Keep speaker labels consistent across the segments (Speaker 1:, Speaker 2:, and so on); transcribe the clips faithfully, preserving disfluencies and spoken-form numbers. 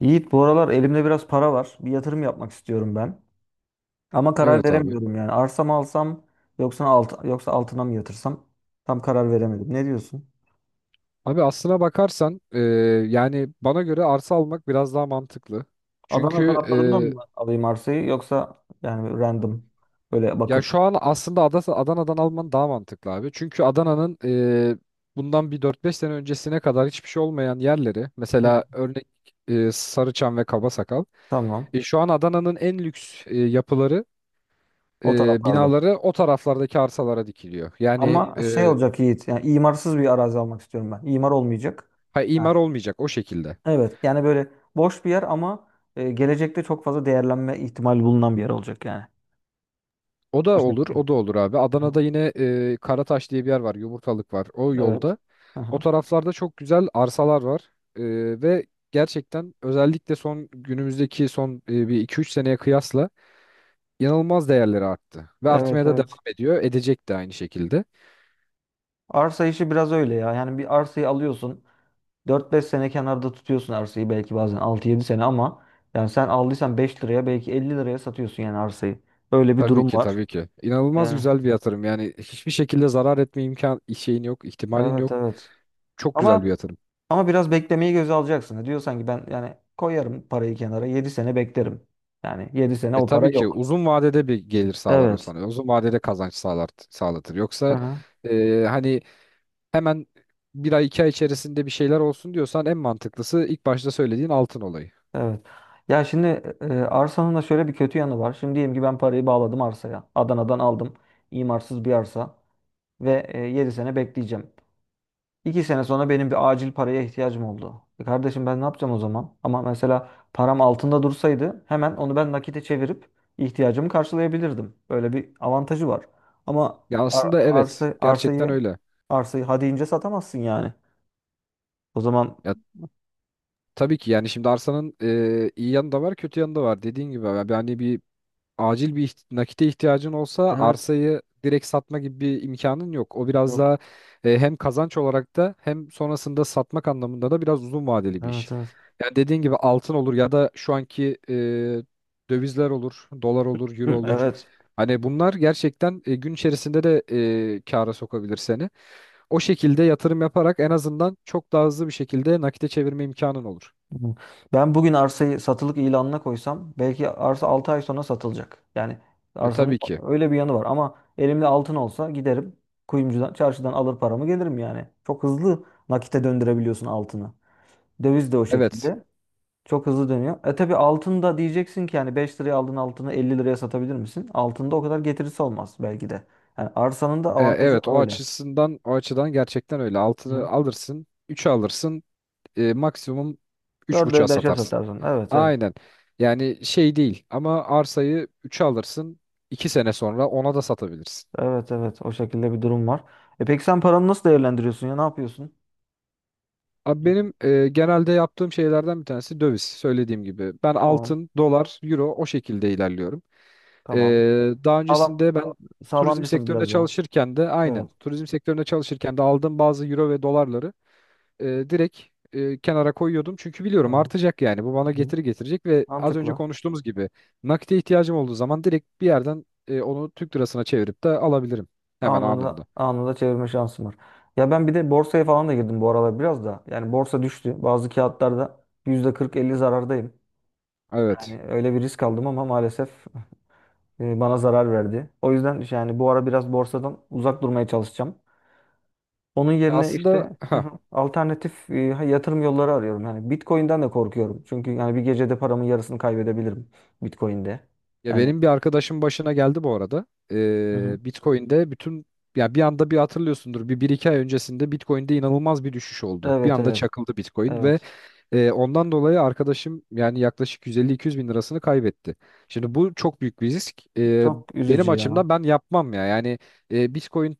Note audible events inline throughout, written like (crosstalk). Speaker 1: Yiğit, bu aralar elimde biraz para var. Bir yatırım yapmak istiyorum ben. Ama karar
Speaker 2: Evet abi.
Speaker 1: veremiyorum yani. Arsa mı alsam yoksa alt, yoksa altına mı yatırsam? Tam karar veremedim. Ne diyorsun?
Speaker 2: Abi aslına bakarsan e, yani bana göre arsa almak biraz daha mantıklı.
Speaker 1: Adana
Speaker 2: Çünkü
Speaker 1: taraflarından mı alayım arsayı, yoksa yani random böyle
Speaker 2: e, ya
Speaker 1: bakıp...
Speaker 2: şu an aslında Ada- Adana'dan alman daha mantıklı abi. Çünkü Adana'nın e, bundan bir dört beş sene öncesine kadar hiçbir şey olmayan yerleri
Speaker 1: Hı.
Speaker 2: mesela örnek e, Sarıçam ve Kabasakal.
Speaker 1: Tamam,
Speaker 2: E, şu an Adana'nın en lüks e, yapıları,
Speaker 1: o
Speaker 2: e,
Speaker 1: taraflarda.
Speaker 2: binaları o taraflardaki arsalara dikiliyor. Yani
Speaker 1: Ama
Speaker 2: e,
Speaker 1: şey olacak Yiğit, yani imarsız bir arazi almak istiyorum ben. İmar olmayacak.
Speaker 2: ha, imar
Speaker 1: Ha.
Speaker 2: olmayacak o şekilde.
Speaker 1: Evet yani böyle boş bir yer ama e, gelecekte çok fazla değerlenme ihtimali bulunan bir yer olacak yani.
Speaker 2: O
Speaker 1: O
Speaker 2: da olur,
Speaker 1: şekilde.
Speaker 2: o da olur abi.
Speaker 1: Hı hı.
Speaker 2: Adana'da yine e, Karataş diye bir yer var, Yumurtalık var. O
Speaker 1: Evet.
Speaker 2: yolda.
Speaker 1: Hı
Speaker 2: O
Speaker 1: hı.
Speaker 2: taraflarda çok güzel arsalar var. E, ve gerçekten özellikle son günümüzdeki son e, bir iki üç seneye kıyasla inanılmaz değerleri arttı. Ve artmaya
Speaker 1: Evet
Speaker 2: da devam
Speaker 1: evet.
Speaker 2: ediyor. Edecek de aynı şekilde.
Speaker 1: Arsa işi biraz öyle ya. Yani bir arsayı alıyorsun, dört beş sene kenarda tutuyorsun arsayı, belki bazen altı yedi sene, ama yani sen aldıysan beş liraya, belki elli liraya satıyorsun yani arsayı. Öyle bir
Speaker 2: Tabii
Speaker 1: durum
Speaker 2: ki,
Speaker 1: var.
Speaker 2: tabii ki. İnanılmaz
Speaker 1: Yani
Speaker 2: güzel bir yatırım. Yani hiçbir şekilde zarar etme imkan şeyin yok, ihtimalin
Speaker 1: evet
Speaker 2: yok.
Speaker 1: evet.
Speaker 2: Çok güzel bir
Speaker 1: Ama
Speaker 2: yatırım.
Speaker 1: ama biraz beklemeyi göze alacaksın. E, diyorsan ki ben yani koyarım parayı kenara, yedi sene beklerim. Yani yedi sene
Speaker 2: E
Speaker 1: o para
Speaker 2: tabii ki
Speaker 1: yok.
Speaker 2: uzun vadede bir gelir sağlar o
Speaker 1: Evet.
Speaker 2: sana. Uzun vadede kazanç sağlar, sağlatır. Yoksa
Speaker 1: Aha,
Speaker 2: e, hani hemen bir ay iki ay içerisinde bir şeyler olsun diyorsan en mantıklısı ilk başta söylediğin altın olayı.
Speaker 1: evet. Ya şimdi, e, e, arsanın da şöyle bir kötü yanı var. Şimdi diyelim ki ben parayı bağladım arsaya, Adana'dan aldım. İmarsız bir arsa. Ve e, yedi sene bekleyeceğim. iki sene sonra benim bir acil paraya ihtiyacım oldu. E kardeşim, ben ne yapacağım o zaman? Ama mesela param altında dursaydı hemen onu ben nakite çevirip ihtiyacımı karşılayabilirdim. Böyle bir avantajı var. Ama
Speaker 2: Ya
Speaker 1: ar-
Speaker 2: aslında evet
Speaker 1: arsa
Speaker 2: gerçekten
Speaker 1: arsayı
Speaker 2: öyle.
Speaker 1: arsayı hadi ince satamazsın yani. O zaman
Speaker 2: Ya tabii ki yani şimdi arsanın e, iyi yanı da var kötü yanı da var. Dediğin gibi yani bir acil bir iht- nakite ihtiyacın olsa
Speaker 1: evet,
Speaker 2: arsayı direkt satma gibi bir imkanın yok. O biraz
Speaker 1: yok.
Speaker 2: daha e, hem kazanç olarak da hem sonrasında satmak anlamında da biraz uzun vadeli bir iş.
Speaker 1: Evet evet.
Speaker 2: Yani dediğin gibi altın olur ya da şu anki e, dövizler olur, dolar olur, euro
Speaker 1: Hı,
Speaker 2: olur.
Speaker 1: evet.
Speaker 2: Hani bunlar gerçekten e, gün içerisinde de e, kâra sokabilir seni. O şekilde yatırım yaparak en azından çok daha hızlı bir şekilde nakite çevirme imkanın olur.
Speaker 1: Hı. Ben bugün arsayı satılık ilanına koysam belki arsa altı ay sonra satılacak. Yani
Speaker 2: E,
Speaker 1: arsanın
Speaker 2: tabii ki.
Speaker 1: öyle bir yanı var, ama elimde altın olsa giderim kuyumcudan, çarşıdan alır paramı gelirim yani. Çok hızlı nakite döndürebiliyorsun altını. Döviz de o
Speaker 2: Evet.
Speaker 1: şekilde. Çok hızlı dönüyor. E tabii altın da diyeceksin ki yani beş liraya aldığın altını elli liraya satabilir misin? Altında o kadar getirisi olmaz belki de. Yani arsanın da
Speaker 2: E,
Speaker 1: avantajı
Speaker 2: Evet o
Speaker 1: öyle.
Speaker 2: açısından o açıdan gerçekten öyle. Altını
Speaker 1: Hı.
Speaker 2: alırsın, üç alırsın, e, maksimum üç buçuğa
Speaker 1: dörde beşe
Speaker 2: satarsın.
Speaker 1: satarsın. Evet evet.
Speaker 2: Aynen. Yani şey değil ama arsayı üçe alırsın, iki sene sonra ona da satabilirsin.
Speaker 1: Evet evet, o şekilde bir durum var. E peki sen paranı nasıl değerlendiriyorsun ya? Ne yapıyorsun?
Speaker 2: Abi benim e, genelde yaptığım şeylerden bir tanesi döviz. Söylediğim gibi ben
Speaker 1: Tamam
Speaker 2: altın, dolar, euro o şekilde ilerliyorum. E,
Speaker 1: tamam.
Speaker 2: Daha
Speaker 1: Sağlam
Speaker 2: öncesinde ben turizm
Speaker 1: sağlamcısın
Speaker 2: sektöründe
Speaker 1: biraz daha.
Speaker 2: çalışırken de
Speaker 1: Evet,
Speaker 2: aynen turizm sektöründe çalışırken de aldığım bazı euro ve dolarları e, direkt e, kenara koyuyordum. Çünkü biliyorum
Speaker 1: tamam.
Speaker 2: artacak yani. Bu bana
Speaker 1: Hı hı.
Speaker 2: getiri getirecek ve az önce
Speaker 1: Mantıklı.
Speaker 2: konuştuğumuz gibi nakite ihtiyacım olduğu zaman direkt bir yerden e, onu Türk lirasına çevirip de alabilirim hemen
Speaker 1: Anında
Speaker 2: anında.
Speaker 1: anında çevirme şansım var. Ya ben bir de borsaya falan da girdim bu aralar biraz da. Yani borsa düştü. Bazı kağıtlarda yüzde kırk elli zarardayım.
Speaker 2: Evet.
Speaker 1: Yani öyle bir risk aldım ama maalesef (laughs) e, bana zarar verdi. O yüzden yani bu ara biraz borsadan uzak durmaya çalışacağım. Onun yerine işte,
Speaker 2: Aslında
Speaker 1: hı
Speaker 2: ha
Speaker 1: hı, alternatif e, yatırım yolları arıyorum. Yani Bitcoin'den de korkuyorum. Çünkü yani bir gecede paramın yarısını kaybedebilirim Bitcoin'de.
Speaker 2: ya
Speaker 1: Yani
Speaker 2: benim bir arkadaşım başına geldi bu arada.
Speaker 1: hı
Speaker 2: E,
Speaker 1: hı,
Speaker 2: Bitcoin'de bütün ya bir anda bir hatırlıyorsundur bir, bir iki ay öncesinde Bitcoin'de inanılmaz bir düşüş oldu. Bir
Speaker 1: evet
Speaker 2: anda
Speaker 1: evet
Speaker 2: çakıldı Bitcoin ve
Speaker 1: evet.
Speaker 2: Ee, ondan dolayı arkadaşım yani yaklaşık 150-200 bin lirasını kaybetti. Şimdi bu çok büyük bir risk. Ee,
Speaker 1: Çok
Speaker 2: benim
Speaker 1: üzücü ya.
Speaker 2: açımdan ben yapmam ya. Yani e, Bitcoin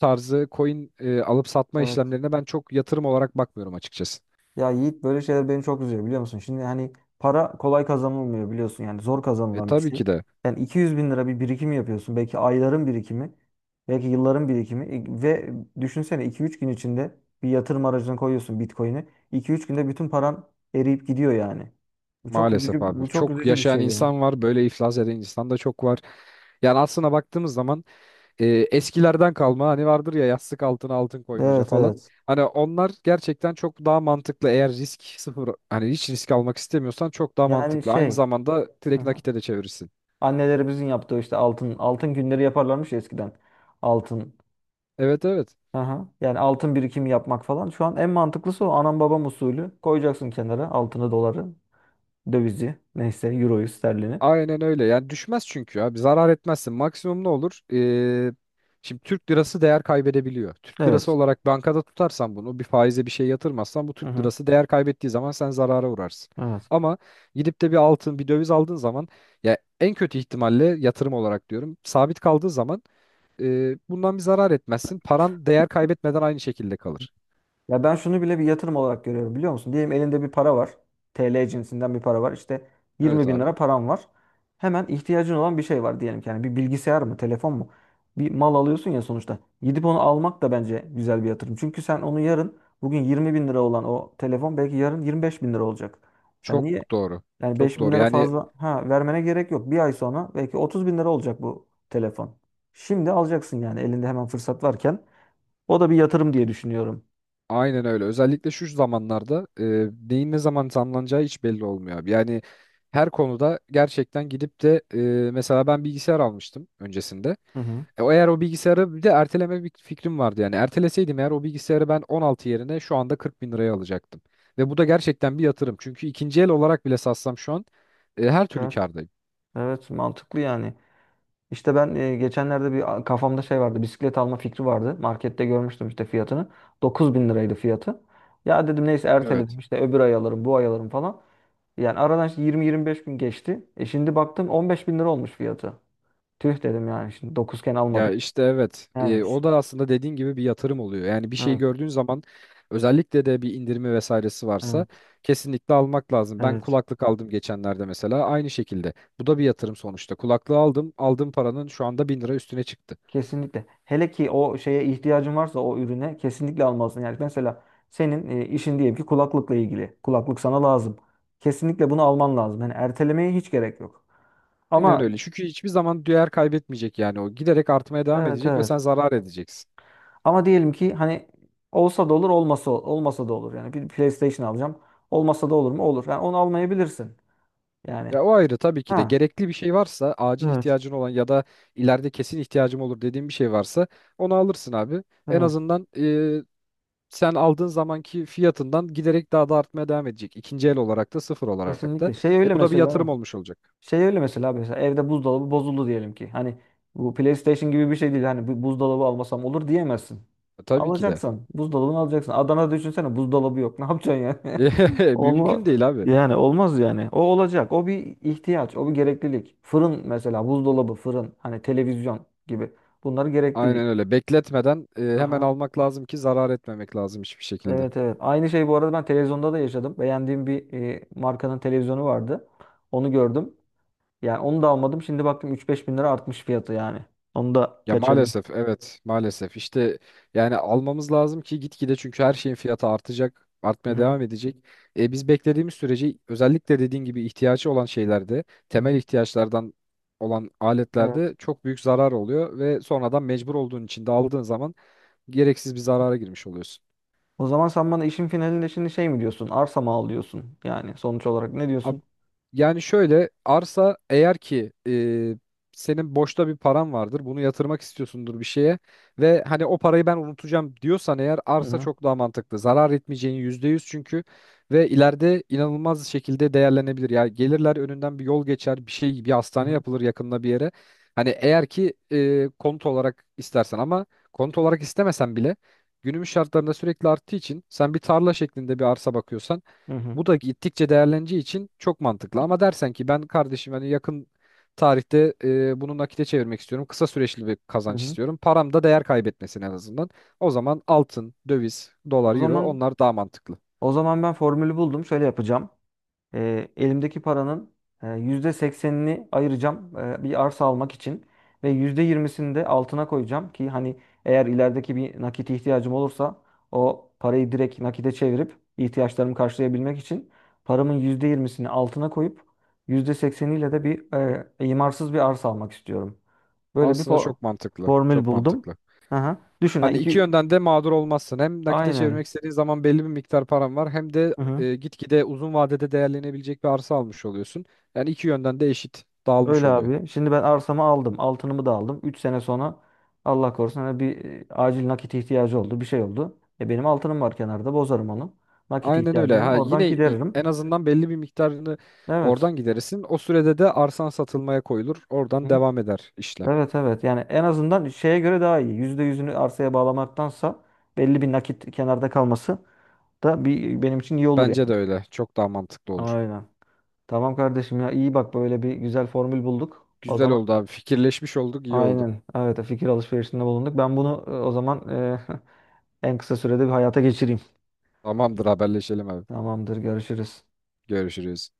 Speaker 2: tarzı coin e, alıp satma
Speaker 1: Evet.
Speaker 2: işlemlerine ben çok yatırım olarak bakmıyorum açıkçası.
Speaker 1: Ya Yiğit, böyle şeyler beni çok üzüyor biliyor musun? Şimdi hani para kolay kazanılmıyor, biliyorsun yani zor
Speaker 2: E
Speaker 1: kazanılan bir
Speaker 2: tabii
Speaker 1: şey.
Speaker 2: ki de
Speaker 1: Yani iki yüz bin lira bir birikim yapıyorsun. Belki ayların birikimi, belki yılların birikimi. E, ve düşünsene iki üç gün içinde bir yatırım aracına koyuyorsun Bitcoin'i. iki üç günde bütün paran eriyip gidiyor yani. Bu çok
Speaker 2: maalesef
Speaker 1: üzücü,
Speaker 2: abi.
Speaker 1: bu çok
Speaker 2: Çok
Speaker 1: üzücü bir
Speaker 2: yaşayan
Speaker 1: şey ya.
Speaker 2: insan var, böyle iflas eden insan da çok var. Yani aslına baktığımız zaman e, eskilerden kalma hani vardır ya yastık altına altın koymaca
Speaker 1: Evet
Speaker 2: falan.
Speaker 1: evet.
Speaker 2: Hani onlar gerçekten çok daha mantıklı. Eğer risk sıfır hani hiç risk almak istemiyorsan çok daha
Speaker 1: Yani
Speaker 2: mantıklı. Aynı
Speaker 1: şey,
Speaker 2: zamanda
Speaker 1: hı
Speaker 2: direkt
Speaker 1: hı,
Speaker 2: nakite de çevirirsin.
Speaker 1: annelerimizin yaptığı işte altın, altın günleri yaparlarmış ya eskiden. Altın.
Speaker 2: Evet evet.
Speaker 1: Aha. Yani altın birikimi yapmak falan. Şu an en mantıklısı o anam babam usulü. Koyacaksın kenara altını, doları, dövizi, neyse euroyu, sterlini.
Speaker 2: Aynen öyle. Yani düşmez çünkü abi. Zarar etmezsin. Maksimum ne olur? Ee, şimdi Türk lirası değer kaybedebiliyor. Türk lirası
Speaker 1: Evet.
Speaker 2: olarak bankada tutarsan bunu bir faize bir şey yatırmazsan bu
Speaker 1: Hı
Speaker 2: Türk
Speaker 1: hı.
Speaker 2: lirası değer kaybettiği zaman sen zarara uğrarsın.
Speaker 1: Evet.
Speaker 2: Ama gidip de bir altın, bir döviz aldığın zaman ya en kötü ihtimalle yatırım olarak diyorum sabit kaldığı zaman e, bundan bir zarar etmezsin. Paran değer kaybetmeden aynı şekilde kalır.
Speaker 1: Ya ben şunu bile bir yatırım olarak görüyorum biliyor musun? Diyelim elinde bir para var. T L cinsinden bir para var. İşte
Speaker 2: Evet
Speaker 1: yirmi bin
Speaker 2: abi.
Speaker 1: lira param var. Hemen ihtiyacın olan bir şey var diyelim ki. Yani bir bilgisayar mı, telefon mu? Bir mal alıyorsun ya sonuçta. Gidip onu almak da bence güzel bir yatırım. Çünkü sen onu yarın, bugün yirmi bin lira olan o telefon belki yarın yirmi beş bin lira olacak. Sen
Speaker 2: Çok
Speaker 1: niye...
Speaker 2: doğru.
Speaker 1: Yani beş
Speaker 2: Çok
Speaker 1: bin
Speaker 2: doğru.
Speaker 1: lira
Speaker 2: Yani
Speaker 1: fazla ha, vermene gerek yok. Bir ay sonra belki otuz bin lira olacak bu telefon. Şimdi alacaksın yani, elinde hemen fırsat varken. O da bir yatırım diye düşünüyorum.
Speaker 2: aynen öyle. Özellikle şu zamanlarda e, neyin ne zaman tamlanacağı hiç belli olmuyor abi. Yani her konuda gerçekten gidip de e, mesela ben bilgisayar almıştım öncesinde.
Speaker 1: Hı hı.
Speaker 2: E, o Eğer o bilgisayarı bir de erteleme bir fikrim vardı yani. Erteleseydim eğer o bilgisayarı ben on altı yerine şu anda kırk bin liraya alacaktım. Ve bu da gerçekten bir yatırım. Çünkü ikinci el olarak bile satsam şu an e, her türlü
Speaker 1: Evet.
Speaker 2: kârdayım.
Speaker 1: Evet, mantıklı yani. İşte ben e, geçenlerde bir a- kafamda şey vardı. Bisiklet alma fikri vardı. Markette görmüştüm işte fiyatını. Dokuz bin liraydı fiyatı. Ya dedim neyse, erteledim
Speaker 2: Evet.
Speaker 1: işte, öbür ay alırım bu ay alırım falan. Yani aradan işte yirmi yirmi beş gün geçti. E şimdi baktım on beş bin lira olmuş fiyatı. Tüh dedim yani, şimdi dokuzken
Speaker 2: Ya
Speaker 1: almadık.
Speaker 2: işte evet.
Speaker 1: Yani.
Speaker 2: E, o da aslında dediğin gibi bir yatırım oluyor. Yani bir şeyi
Speaker 1: Evet.
Speaker 2: gördüğün zaman özellikle de bir indirimi vesairesi varsa
Speaker 1: Evet.
Speaker 2: kesinlikle almak lazım. Ben
Speaker 1: Evet.
Speaker 2: kulaklık aldım geçenlerde mesela aynı şekilde. Bu da bir yatırım sonuçta. Kulaklığı aldım. Aldığım paranın şu anda bin lira üstüne çıktı.
Speaker 1: Kesinlikle. Hele ki o şeye ihtiyacın varsa, o ürüne kesinlikle almalısın. Yani mesela senin e, işin diyelim ki kulaklıkla ilgili. Kulaklık sana lazım. Kesinlikle bunu alman lazım. Yani ertelemeye hiç gerek yok.
Speaker 2: Aynen
Speaker 1: Ama
Speaker 2: öyle. Çünkü hiçbir zaman değer kaybetmeyecek yani o. Giderek artmaya devam
Speaker 1: evet
Speaker 2: edecek ve
Speaker 1: evet.
Speaker 2: sen zarar edeceksin.
Speaker 1: Ama diyelim ki hani olsa da olur, olmasa olmasa da olur. Yani bir PlayStation alacağım. Olmasa da olur mu? Olur. Yani onu almayabilirsin. Yani.
Speaker 2: Ya o ayrı. Tabii ki de
Speaker 1: Ha.
Speaker 2: gerekli bir şey varsa acil
Speaker 1: Evet,
Speaker 2: ihtiyacın olan ya da ileride kesin ihtiyacım olur dediğin bir şey varsa onu alırsın abi. En
Speaker 1: evet.
Speaker 2: azından sen aldığın zamanki fiyatından giderek daha da artmaya devam edecek. İkinci el olarak da sıfır olarak da.
Speaker 1: Kesinlikle. Şey
Speaker 2: E
Speaker 1: öyle
Speaker 2: bu da bir yatırım
Speaker 1: mesela.
Speaker 2: olmuş olacak.
Speaker 1: Şey öyle mesela mesela evde buzdolabı bozuldu diyelim ki. Hani bu PlayStation gibi bir şey değil. Hani bu buzdolabı almasam olur diyemezsin.
Speaker 2: E, tabii ki de.
Speaker 1: Alacaksan buzdolabını alacaksın. Adana'da düşünsene buzdolabı yok. (laughs) Ne yapacaksın yani? (laughs)
Speaker 2: (laughs)
Speaker 1: Olma
Speaker 2: Mümkün değil abi.
Speaker 1: Yani olmaz yani. O olacak. O bir ihtiyaç, o bir gereklilik. Fırın mesela, buzdolabı, fırın, hani televizyon gibi. Bunlar gereklilik.
Speaker 2: Aynen öyle. Bekletmeden e, hemen
Speaker 1: Aha.
Speaker 2: almak lazım ki zarar etmemek lazım hiçbir şekilde.
Speaker 1: Evet evet. Aynı şey bu arada ben televizyonda da yaşadım. Beğendiğim bir e, markanın televizyonu vardı. Onu gördüm. Yani onu da almadım. Şimdi baktım üç beş bin lira artmış fiyatı yani. Onu da
Speaker 2: Ya
Speaker 1: kaçırdım.
Speaker 2: maalesef evet maalesef işte yani almamız lazım ki gitgide çünkü her şeyin fiyatı artacak
Speaker 1: Hı
Speaker 2: artmaya
Speaker 1: hı.
Speaker 2: devam edecek. E, biz beklediğimiz sürece özellikle dediğin gibi ihtiyacı olan şeylerde
Speaker 1: Hı hı.
Speaker 2: temel ihtiyaçlardan olan
Speaker 1: Evet.
Speaker 2: aletlerde çok büyük zarar oluyor ve sonradan mecbur olduğun için de aldığın zaman gereksiz bir zarara girmiş oluyorsun.
Speaker 1: O zaman sen bana işin finalinde şimdi şey mi diyorsun? Arsa mı al diyorsun? Yani sonuç olarak ne
Speaker 2: Ab-
Speaker 1: diyorsun?
Speaker 2: Yani şöyle arsa eğer ki e, senin boşta bir paran vardır bunu yatırmak istiyorsundur bir şeye ve hani o parayı ben unutacağım diyorsan eğer
Speaker 1: Hı
Speaker 2: arsa
Speaker 1: hı.
Speaker 2: çok daha mantıklı. Zarar etmeyeceğin yüzde yüz çünkü. Ve ileride inanılmaz şekilde değerlenebilir. Yani gelirler önünden bir yol geçer, bir şey, bir
Speaker 1: Hı
Speaker 2: hastane
Speaker 1: hı.
Speaker 2: yapılır yakında bir yere. Hani eğer ki e, konut olarak istersen ama konut olarak istemesen bile günümüz şartlarında sürekli arttığı için sen bir tarla şeklinde bir arsa bakıyorsan
Speaker 1: Hı hı.
Speaker 2: bu da gittikçe değerleneceği için çok mantıklı. Ama dersen ki ben kardeşim hani yakın tarihte e, bunu nakite çevirmek istiyorum. Kısa süreçli bir
Speaker 1: Hı
Speaker 2: kazanç
Speaker 1: hı.
Speaker 2: istiyorum. Param da değer kaybetmesin en azından. O zaman altın, döviz, dolar,
Speaker 1: O
Speaker 2: euro
Speaker 1: zaman,
Speaker 2: onlar daha mantıklı.
Speaker 1: o zaman ben formülü buldum. Şöyle yapacağım. E, elimdeki paranın e, yüzde seksenini ayıracağım e, bir arsa almak için ve yüzde yirmisini de altına koyacağım ki hani eğer ilerideki bir nakit ihtiyacım olursa o parayı direkt nakite çevirip ihtiyaçlarımı karşılayabilmek için paramın yüzde yirmisini altına koyup yüzde sekseniyle de bir e, imarsız bir arsa almak istiyorum. Böyle bir
Speaker 2: Aslında
Speaker 1: for-
Speaker 2: çok mantıklı.
Speaker 1: formül
Speaker 2: Çok
Speaker 1: buldum.
Speaker 2: mantıklı.
Speaker 1: Aha. Düşün ha,
Speaker 2: Hani iki
Speaker 1: iki...
Speaker 2: yönden de mağdur olmazsın. Hem nakite çevirmek
Speaker 1: Aynen.
Speaker 2: istediğin zaman belli bir miktar param var. Hem de
Speaker 1: Hı hı.
Speaker 2: e, gitgide uzun vadede değerlenebilecek bir arsa almış oluyorsun. Yani iki yönden de eşit dağılmış
Speaker 1: Öyle
Speaker 2: oluyor.
Speaker 1: abi. Şimdi ben arsamı aldım, altınımı da aldım. Üç sene sonra Allah korusun hani bir e, acil nakit ihtiyacı oldu. Bir şey oldu. E, benim altınım var kenarda. Bozarım onu. Nakit
Speaker 2: Aynen öyle.
Speaker 1: ihtiyacımı
Speaker 2: Ha
Speaker 1: oradan
Speaker 2: yine i-
Speaker 1: gideririm.
Speaker 2: en azından belli bir miktarını
Speaker 1: Evet.
Speaker 2: oradan giderirsin. O sürede de arsan satılmaya koyulur. Oradan
Speaker 1: Hı?
Speaker 2: devam eder işlem.
Speaker 1: Evet evet. Yani en azından şeye göre daha iyi. Yüzde yüzünü arsaya bağlamaktansa belli bir nakit kenarda kalması da bir, benim için iyi olur
Speaker 2: Bence de
Speaker 1: yani.
Speaker 2: öyle. Çok daha mantıklı olur.
Speaker 1: Aynen. Tamam kardeşim ya, iyi bak, böyle bir güzel formül bulduk. O
Speaker 2: Güzel
Speaker 1: zaman
Speaker 2: oldu abi. Fikirleşmiş olduk, iyi oldu.
Speaker 1: aynen, evet, fikir alışverişinde bulunduk. Ben bunu e, o zaman e, (laughs) en kısa sürede bir hayata geçireyim.
Speaker 2: Tamamdır, haberleşelim abi.
Speaker 1: Tamamdır, görüşürüz.
Speaker 2: Görüşürüz.